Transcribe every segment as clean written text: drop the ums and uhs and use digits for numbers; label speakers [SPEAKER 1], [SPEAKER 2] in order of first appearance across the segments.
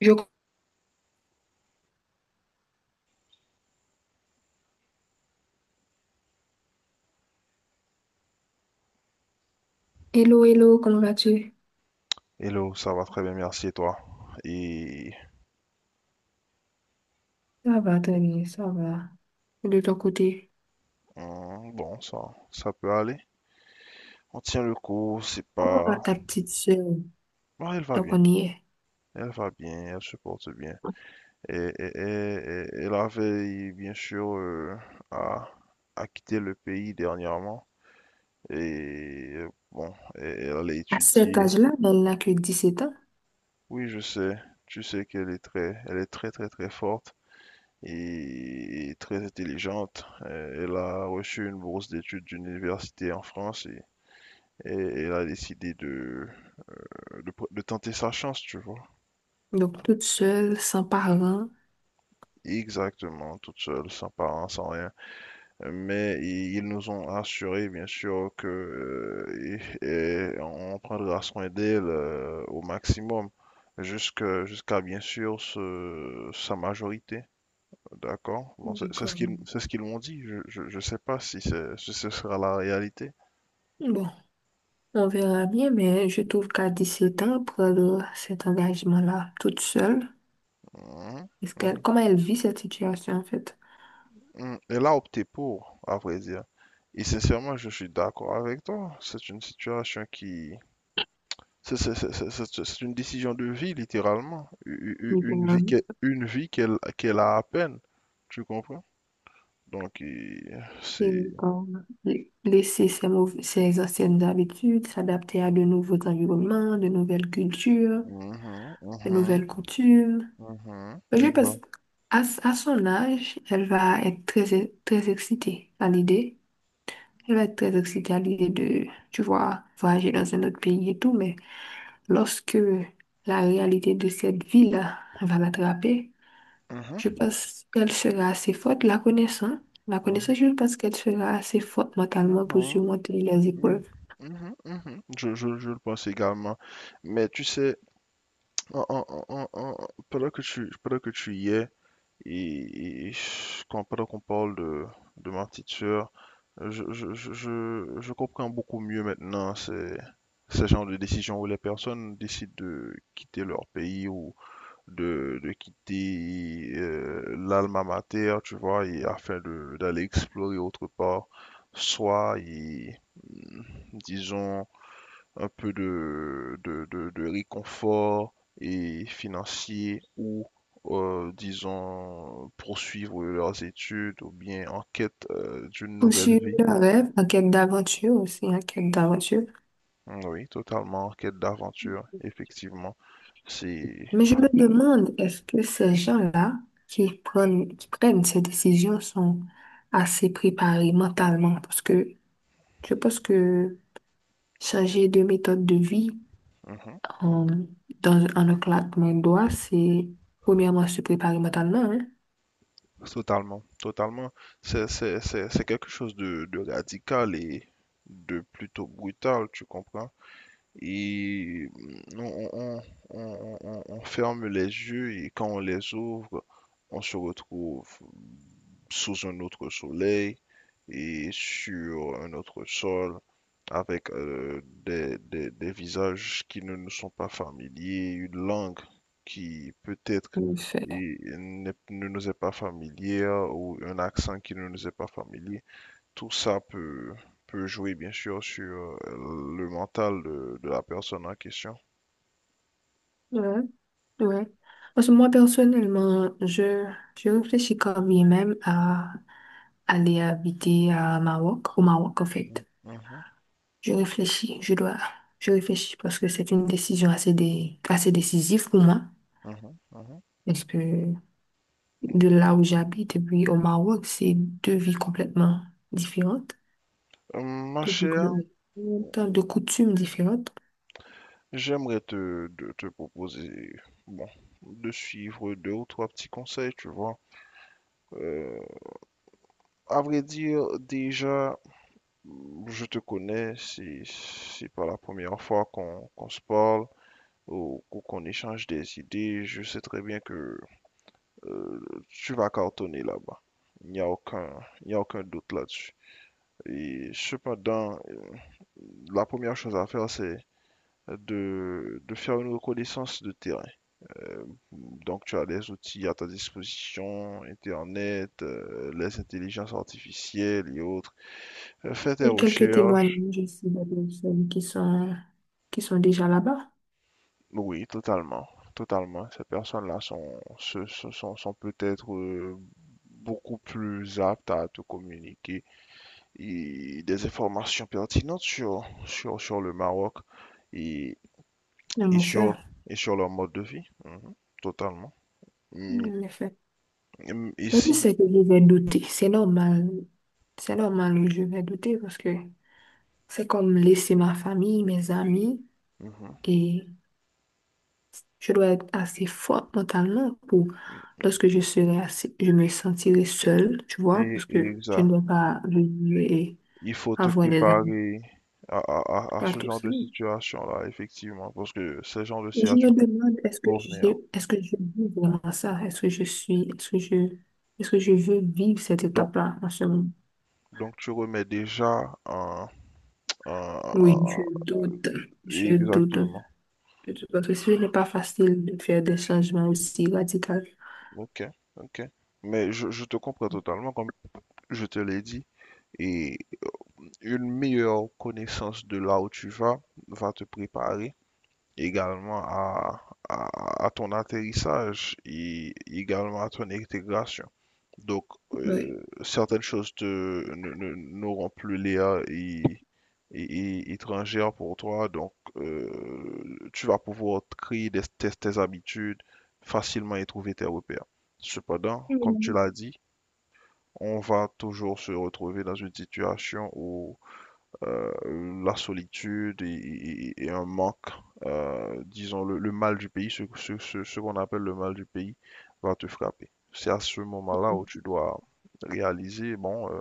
[SPEAKER 1] Je... Hello, hello, comment vas-tu?
[SPEAKER 2] Hello, ça va très bien, merci et toi. Et
[SPEAKER 1] Ça va, Tony, ça va. Et de ton côté,
[SPEAKER 2] bon, ça peut aller. On tient le coup, c'est
[SPEAKER 1] comment va
[SPEAKER 2] pas.
[SPEAKER 1] ta petite sœur?
[SPEAKER 2] Ah,
[SPEAKER 1] Donc, on y est.
[SPEAKER 2] elle va bien, elle se porte bien. Et, et, et, et la veille, bien sûr, a, a quitté le pays dernièrement. Et bon, et elle allait
[SPEAKER 1] À cet
[SPEAKER 2] étudier.
[SPEAKER 1] âge-là, elle n'a que 17 ans.
[SPEAKER 2] Oui, je sais, tu sais elle est très, très, très forte et très intelligente. Elle a reçu une bourse d'études d'une université en France. Et elle a décidé de tenter sa chance, tu vois.
[SPEAKER 1] Donc, toute seule, sans parents.
[SPEAKER 2] Exactement, toute seule, sans parents, sans rien. Mais ils nous ont assuré, bien sûr, que on prendra soin d'elle au maximum, jusqu'à, bien sûr, sa majorité. D'accord? Bon,
[SPEAKER 1] Donc, euh,
[SPEAKER 2] c'est ce qu'ils m'ont dit. Je sais pas si ce sera la réalité.
[SPEAKER 1] bon, on verra bien, mais je trouve qu'à 17 ans, prendre cet engagement-là, toute seule,
[SPEAKER 2] Mhm, mhm.
[SPEAKER 1] comment elle vit cette situation, en fait?
[SPEAKER 2] Elle a opté pour, à vrai dire. Et sincèrement, je suis d'accord avec toi. C'est une situation qui... C'est une décision de vie, littéralement. U- u-
[SPEAKER 1] Littéralement.
[SPEAKER 2] une vie qu'elle qu'elle a à peine. Tu comprends? Donc,
[SPEAKER 1] Et,
[SPEAKER 2] c'est...
[SPEAKER 1] euh, laisser ses anciennes habitudes, s'adapter à de nouveaux environnements, de nouvelles cultures,
[SPEAKER 2] Mhm,
[SPEAKER 1] de
[SPEAKER 2] mhm,
[SPEAKER 1] nouvelles coutumes.
[SPEAKER 2] mhm,
[SPEAKER 1] Je pense
[SPEAKER 2] exact.
[SPEAKER 1] à son âge, elle va être très excitée à l'idée. Elle va être très excitée à l'idée de, tu vois, voyager dans un autre pays et tout, mais lorsque la réalité de cette ville-là va l'attraper, je
[SPEAKER 2] Mhm,
[SPEAKER 1] pense qu'elle sera assez forte, la connaissant. La connaissant, je pense qu'elle sera assez forte mentalement pour
[SPEAKER 2] mhm,
[SPEAKER 1] surmonter les
[SPEAKER 2] mhm,
[SPEAKER 1] épreuves.
[SPEAKER 2] mhm, mhm. Je le pense également. Mais tu sais, pendant que tu y es. Et, et Quand, pendant qu'on parle de ma petite sœur, je comprends beaucoup mieux maintenant ces genre de décisions où les personnes décident de quitter leur pays ou de quitter l'alma mater, tu vois, et afin d'aller explorer autre part, soit, et, mm, disons, un peu de réconfort et financier ou, disons, poursuivre leurs études ou bien en quête d'une nouvelle
[SPEAKER 1] Poursuivre
[SPEAKER 2] vie.
[SPEAKER 1] le rêve, en quête d'aventure aussi, en quête d'aventure.
[SPEAKER 2] Oui, totalement en quête d'aventure, effectivement. C'est
[SPEAKER 1] Mais je me demande, est-ce que ces gens-là qui prennent ces décisions sont assez préparés mentalement? Parce que je pense que changer de méthode de vie
[SPEAKER 2] Mhm, mhm.
[SPEAKER 1] en, en un claquement de doigts, c'est premièrement se préparer mentalement, hein?
[SPEAKER 2] Totalement, totalement. C'est quelque chose de radical et de plutôt brutal, tu comprends? Et mm, on, on- on ferme les yeux et quand on les ouvre, on se retrouve sous un autre soleil et sur un autre sol avec des visages qui ne nous sont pas familiers, une langue qui peut-être
[SPEAKER 1] En effet.
[SPEAKER 2] ne nous est pas familière ou un accent qui ne nous est pas familier. Tout ça peut jouer bien sûr sur le mental de la personne en question.
[SPEAKER 1] Ouais, ouais. Parce que moi, personnellement, je réfléchis quand bien même à aller habiter à Maroc, au Maroc, en
[SPEAKER 2] Mhm,
[SPEAKER 1] fait. Je réfléchis, je dois, je réfléchis parce que c'est une décision assez assez décisive pour moi.
[SPEAKER 2] mhm, mhm.
[SPEAKER 1] Parce que de là où j'habite et puis au Maroc, c'est deux vies complètement différentes,
[SPEAKER 2] Ma
[SPEAKER 1] deux vies
[SPEAKER 2] chère,
[SPEAKER 1] complètement différentes, de coutumes différentes.
[SPEAKER 2] j'aimerais te proposer, bon, de suivre deux ou trois petits conseils, tu vois. Euh, à vrai dire, déjà, je te connais, c'est pas la première fois qu'on se parle ou qu'on échange des idées. Je sais très bien que euh, tu vas cartonner là-bas. Il n'y a aucun doute là-dessus. Et cependant, la première chose à faire, c'est de faire une reconnaissance de terrain. Euh, donc, tu as les outils à ta disposition, Internet, les intelligences artificielles et autres. Fais tes
[SPEAKER 1] Et quelques
[SPEAKER 2] recherches.
[SPEAKER 1] témoignages aussi de personnes qui sont déjà là-bas.
[SPEAKER 2] Oui, totalement. Totalement. Ces personnes-là sont, se- se- sont, sont peut-être beaucoup plus aptes à te communiquer et des informations pertinentes sur le Maroc et,
[SPEAKER 1] En effet,
[SPEAKER 2] et sur leur mode de vie. Mhm, totalement. Et,
[SPEAKER 1] en effet.
[SPEAKER 2] et
[SPEAKER 1] Mais je
[SPEAKER 2] si,
[SPEAKER 1] sais que je vais douter, c'est normal, je vais douter parce que c'est comme laisser ma famille, mes amis.
[SPEAKER 2] mhm,
[SPEAKER 1] Et je dois être assez forte mentalement pour, lorsque je me sentirai seule, tu vois,
[SPEAKER 2] et,
[SPEAKER 1] parce que
[SPEAKER 2] et
[SPEAKER 1] je ne
[SPEAKER 2] ça,
[SPEAKER 1] dois pas venir et
[SPEAKER 2] il faut te
[SPEAKER 1] avoir des amis
[SPEAKER 2] préparer à, à, à
[SPEAKER 1] à
[SPEAKER 2] ce
[SPEAKER 1] tout
[SPEAKER 2] genre de
[SPEAKER 1] seul.
[SPEAKER 2] situation-là, effectivement, parce que ce genre de
[SPEAKER 1] Et je me
[SPEAKER 2] situation
[SPEAKER 1] demande,
[SPEAKER 2] vont venir.
[SPEAKER 1] est-ce que je vis vraiment ça? Est-ce que je suis, est-ce que je veux vivre cette
[SPEAKER 2] Donc,
[SPEAKER 1] étape-là en ce moment?
[SPEAKER 2] tu remets déjà un, un-
[SPEAKER 1] Oui,
[SPEAKER 2] un-
[SPEAKER 1] je doute un
[SPEAKER 2] Exactement.
[SPEAKER 1] peu, parce que ce n'est pas facile de faire des changements aussi radicaux.
[SPEAKER 2] Ok, ok. Mais je te comprends totalement, comme je te l'ai dit. Et une meilleure connaissance de là où tu vas va te préparer également à ton atterrissage et également à ton intégration. Donc,
[SPEAKER 1] Oui.
[SPEAKER 2] certaines choses te, ne- ne- n'auront plus l'air et étrangères pour toi. Donc, tu vas pouvoir créer tes habitudes facilement et trouver tes repères. Cependant, comme tu l'as dit, on va toujours se retrouver dans une situation où euh, la solitude et un manque, disons le mal du pays, ce qu'on appelle le mal du pays, va te frapper. C'est à ce moment-là où tu dois réaliser, bon,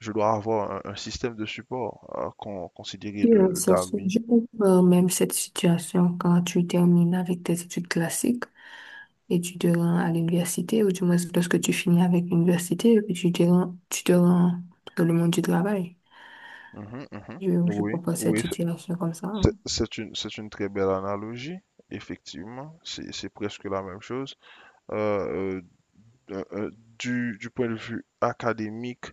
[SPEAKER 2] je dois avoir un système de support considéré
[SPEAKER 1] Oui, oui,
[SPEAKER 2] de
[SPEAKER 1] ça se
[SPEAKER 2] d'amis.
[SPEAKER 1] joue même cette situation quand tu termines avec tes études classiques et tu te rends à l'université, ou du moins lorsque tu finis avec l'université et puis tu te rends dans le monde du travail.
[SPEAKER 2] Mhm, mhm.
[SPEAKER 1] Je
[SPEAKER 2] Oui,
[SPEAKER 1] propose cette
[SPEAKER 2] oui, c'est
[SPEAKER 1] situation comme ça,
[SPEAKER 2] c'est-
[SPEAKER 1] hein.
[SPEAKER 2] c'est une, c'est une très belle analogie, effectivement. C'est presque la même chose. Euh, euh, euh, euh, du point de vue académique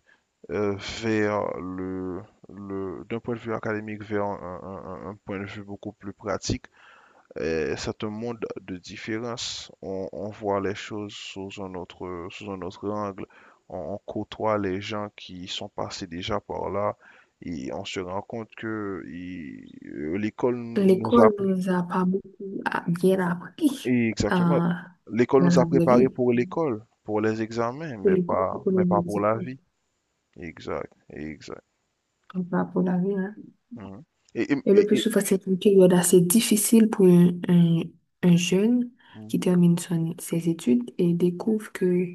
[SPEAKER 2] euh, vers le, d'un point de vue académique vers un point de vue beaucoup plus pratique, c'est un monde de différence. On voit les choses sous un autre angle. On côtoie les gens qui sont passés déjà par là et on se rend compte que l'école nous a
[SPEAKER 1] L'école nous a pas beaucoup bien appris
[SPEAKER 2] et exactement,
[SPEAKER 1] euh,
[SPEAKER 2] l'école
[SPEAKER 1] dans
[SPEAKER 2] nous
[SPEAKER 1] la
[SPEAKER 2] a
[SPEAKER 1] vraie
[SPEAKER 2] préparés
[SPEAKER 1] vie.
[SPEAKER 2] pour l'école, pour les examens,
[SPEAKER 1] Pour l'école, c'est pour les
[SPEAKER 2] mais pas pour
[SPEAKER 1] examens,
[SPEAKER 2] la vie. Exact, exact.
[SPEAKER 1] mais pas pour la vie, hein.
[SPEAKER 2] Mhm. Et, et-
[SPEAKER 1] Et le
[SPEAKER 2] et-
[SPEAKER 1] plus
[SPEAKER 2] et-
[SPEAKER 1] souvent, c'est une période assez difficile pour un jeune qui
[SPEAKER 2] Mhm.
[SPEAKER 1] termine ses études et découvre que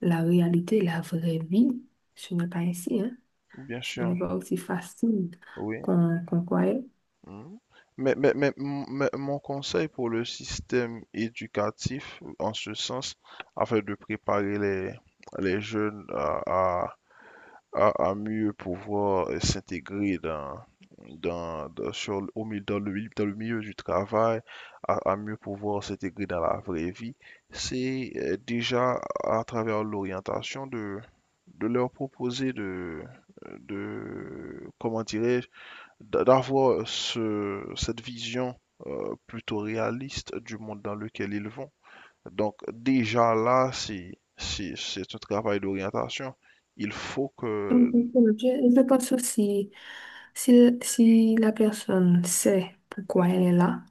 [SPEAKER 1] la réalité, la vraie vie, ce n'est pas ainsi, hein.
[SPEAKER 2] Bien
[SPEAKER 1] Ce n'est
[SPEAKER 2] sûr,
[SPEAKER 1] pas aussi facile
[SPEAKER 2] oui.
[SPEAKER 1] qu'on croyait.
[SPEAKER 2] Mhm. Mais, mais mon conseil pour le système éducatif, en ce sens, afin de préparer les jeunes à mieux pouvoir s'intégrer dans, dans, dans- sur, au milieu, dans le milieu du travail, à mieux pouvoir s'intégrer dans la vraie vie, c'est déjà à travers l'orientation de leur proposer de comment dirais-je, d'avoir cette vision plutôt réaliste du monde dans lequel ils vont. Donc déjà là, c'est un travail d'orientation. Il faut
[SPEAKER 1] Donc,
[SPEAKER 2] que...
[SPEAKER 1] je pense aussi, si la personne sait pourquoi elle est là,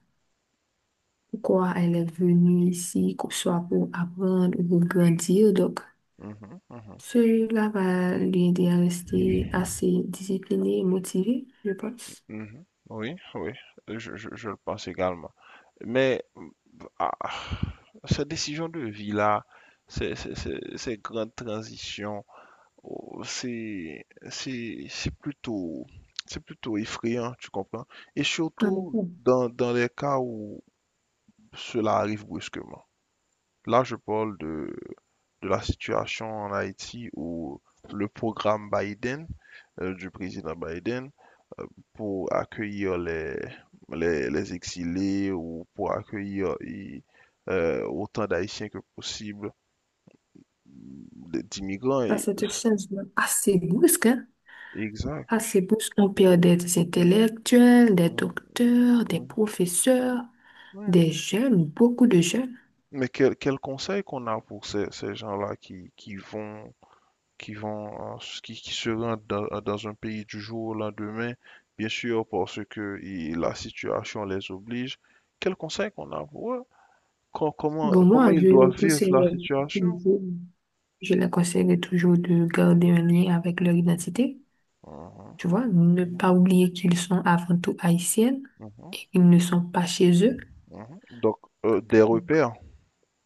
[SPEAKER 1] pourquoi elle est venue ici, que ce soit pour apprendre ou pour grandir, donc
[SPEAKER 2] Mhm, mhm,
[SPEAKER 1] celui-là va lui aider à rester assez discipliné et motivé, je pense.
[SPEAKER 2] mhm. Oui, oui, je le pense également. Mais ah, ces décisions de vie-là, ces grandes transitions, oh, c'est, c'est, c'est plutôt, c'est plutôt effrayant, tu comprends? Et
[SPEAKER 1] Ah mais
[SPEAKER 2] surtout
[SPEAKER 1] bon,
[SPEAKER 2] dans les cas où cela arrive brusquement. Là, je parle de la situation en Haïti où le programme Biden, du président Biden, euh, pour accueillir les exilés ou pour accueillir autant d'Haïtiens que possible, d'immigrants.
[SPEAKER 1] que c'est un changement assez brusque, hein.
[SPEAKER 2] Exact.
[SPEAKER 1] Assez brusque. On perd des intellectuels, des
[SPEAKER 2] Mm,
[SPEAKER 1] docteurs, des
[SPEAKER 2] mm,
[SPEAKER 1] professeurs,
[SPEAKER 2] ouais.
[SPEAKER 1] des jeunes, beaucoup de jeunes.
[SPEAKER 2] Mais quel conseil qu'on a pour ces gens-là qui vont, euh, qui se rendent dans un pays du jour au lendemain, bien sûr, parce que la situation les oblige. Quel conseil qu'on a pour eux? Comment,
[SPEAKER 1] Bon, moi, je
[SPEAKER 2] ils
[SPEAKER 1] les
[SPEAKER 2] doivent vivre la
[SPEAKER 1] conseillerais
[SPEAKER 2] situation?
[SPEAKER 1] toujours, je les conseillerais toujours de garder un lien avec leur identité.
[SPEAKER 2] Mhm,
[SPEAKER 1] Tu vois, ne pas
[SPEAKER 2] mhm,
[SPEAKER 1] oublier qu'ils sont avant tout haïtiennes
[SPEAKER 2] mhm,
[SPEAKER 1] et qu'ils ne sont pas chez eux.
[SPEAKER 2] mhm. Donc, des repères.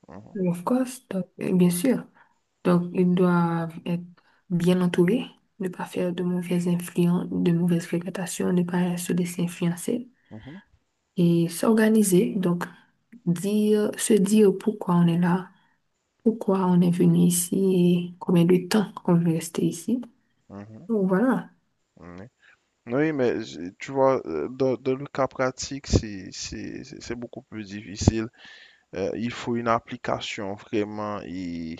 [SPEAKER 2] Mhm,
[SPEAKER 1] Of course, donc, bien sûr. Donc, ils doivent être bien entourés, ne pas faire de mauvaises influences, de mauvaises fréquentations, ne pas se laisser influencer
[SPEAKER 2] mhm,
[SPEAKER 1] et s'organiser. Donc, se dire pourquoi on est là, pourquoi on est venu ici et combien de temps qu'on veut rester ici.
[SPEAKER 2] mhm,
[SPEAKER 1] Donc, voilà.
[SPEAKER 2] oui. Oui, mais tu vois, dans, dans le cas pratique, c'est beaucoup plus difficile. Il faut une application vraiment et,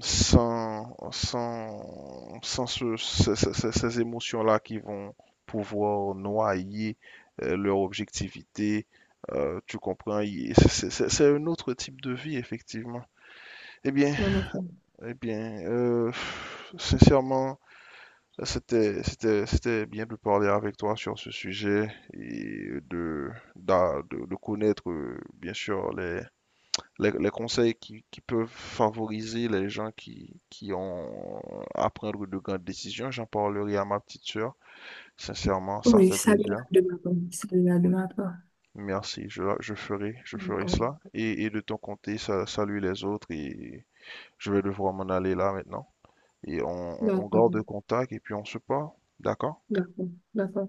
[SPEAKER 2] sans ces émotions-là qui vont pouvoir noyer leur objectivité. Tu comprends, c'est un autre type de vie, effectivement. Eh bien,
[SPEAKER 1] Bien au fond.
[SPEAKER 2] eh bien, euh, sincèrement, c'était bien de parler avec toi sur ce sujet et de connaître, bien sûr, les conseils qui peuvent favoriser les gens qui ont à prendre de grandes décisions. J'en parlerai à ma petite sœur. Sincèrement, ça
[SPEAKER 1] Oui,
[SPEAKER 2] fait
[SPEAKER 1] ça
[SPEAKER 2] plaisir.
[SPEAKER 1] de ma part. Ça de ma part.
[SPEAKER 2] Merci, je ferai
[SPEAKER 1] D'accord.
[SPEAKER 2] cela. Et de ton côté, salut les autres et je vais devoir m'en aller là maintenant. Et on
[SPEAKER 1] D'accord.
[SPEAKER 2] garde contact et puis on se parle. D'accord?
[SPEAKER 1] D'accord. D'accord.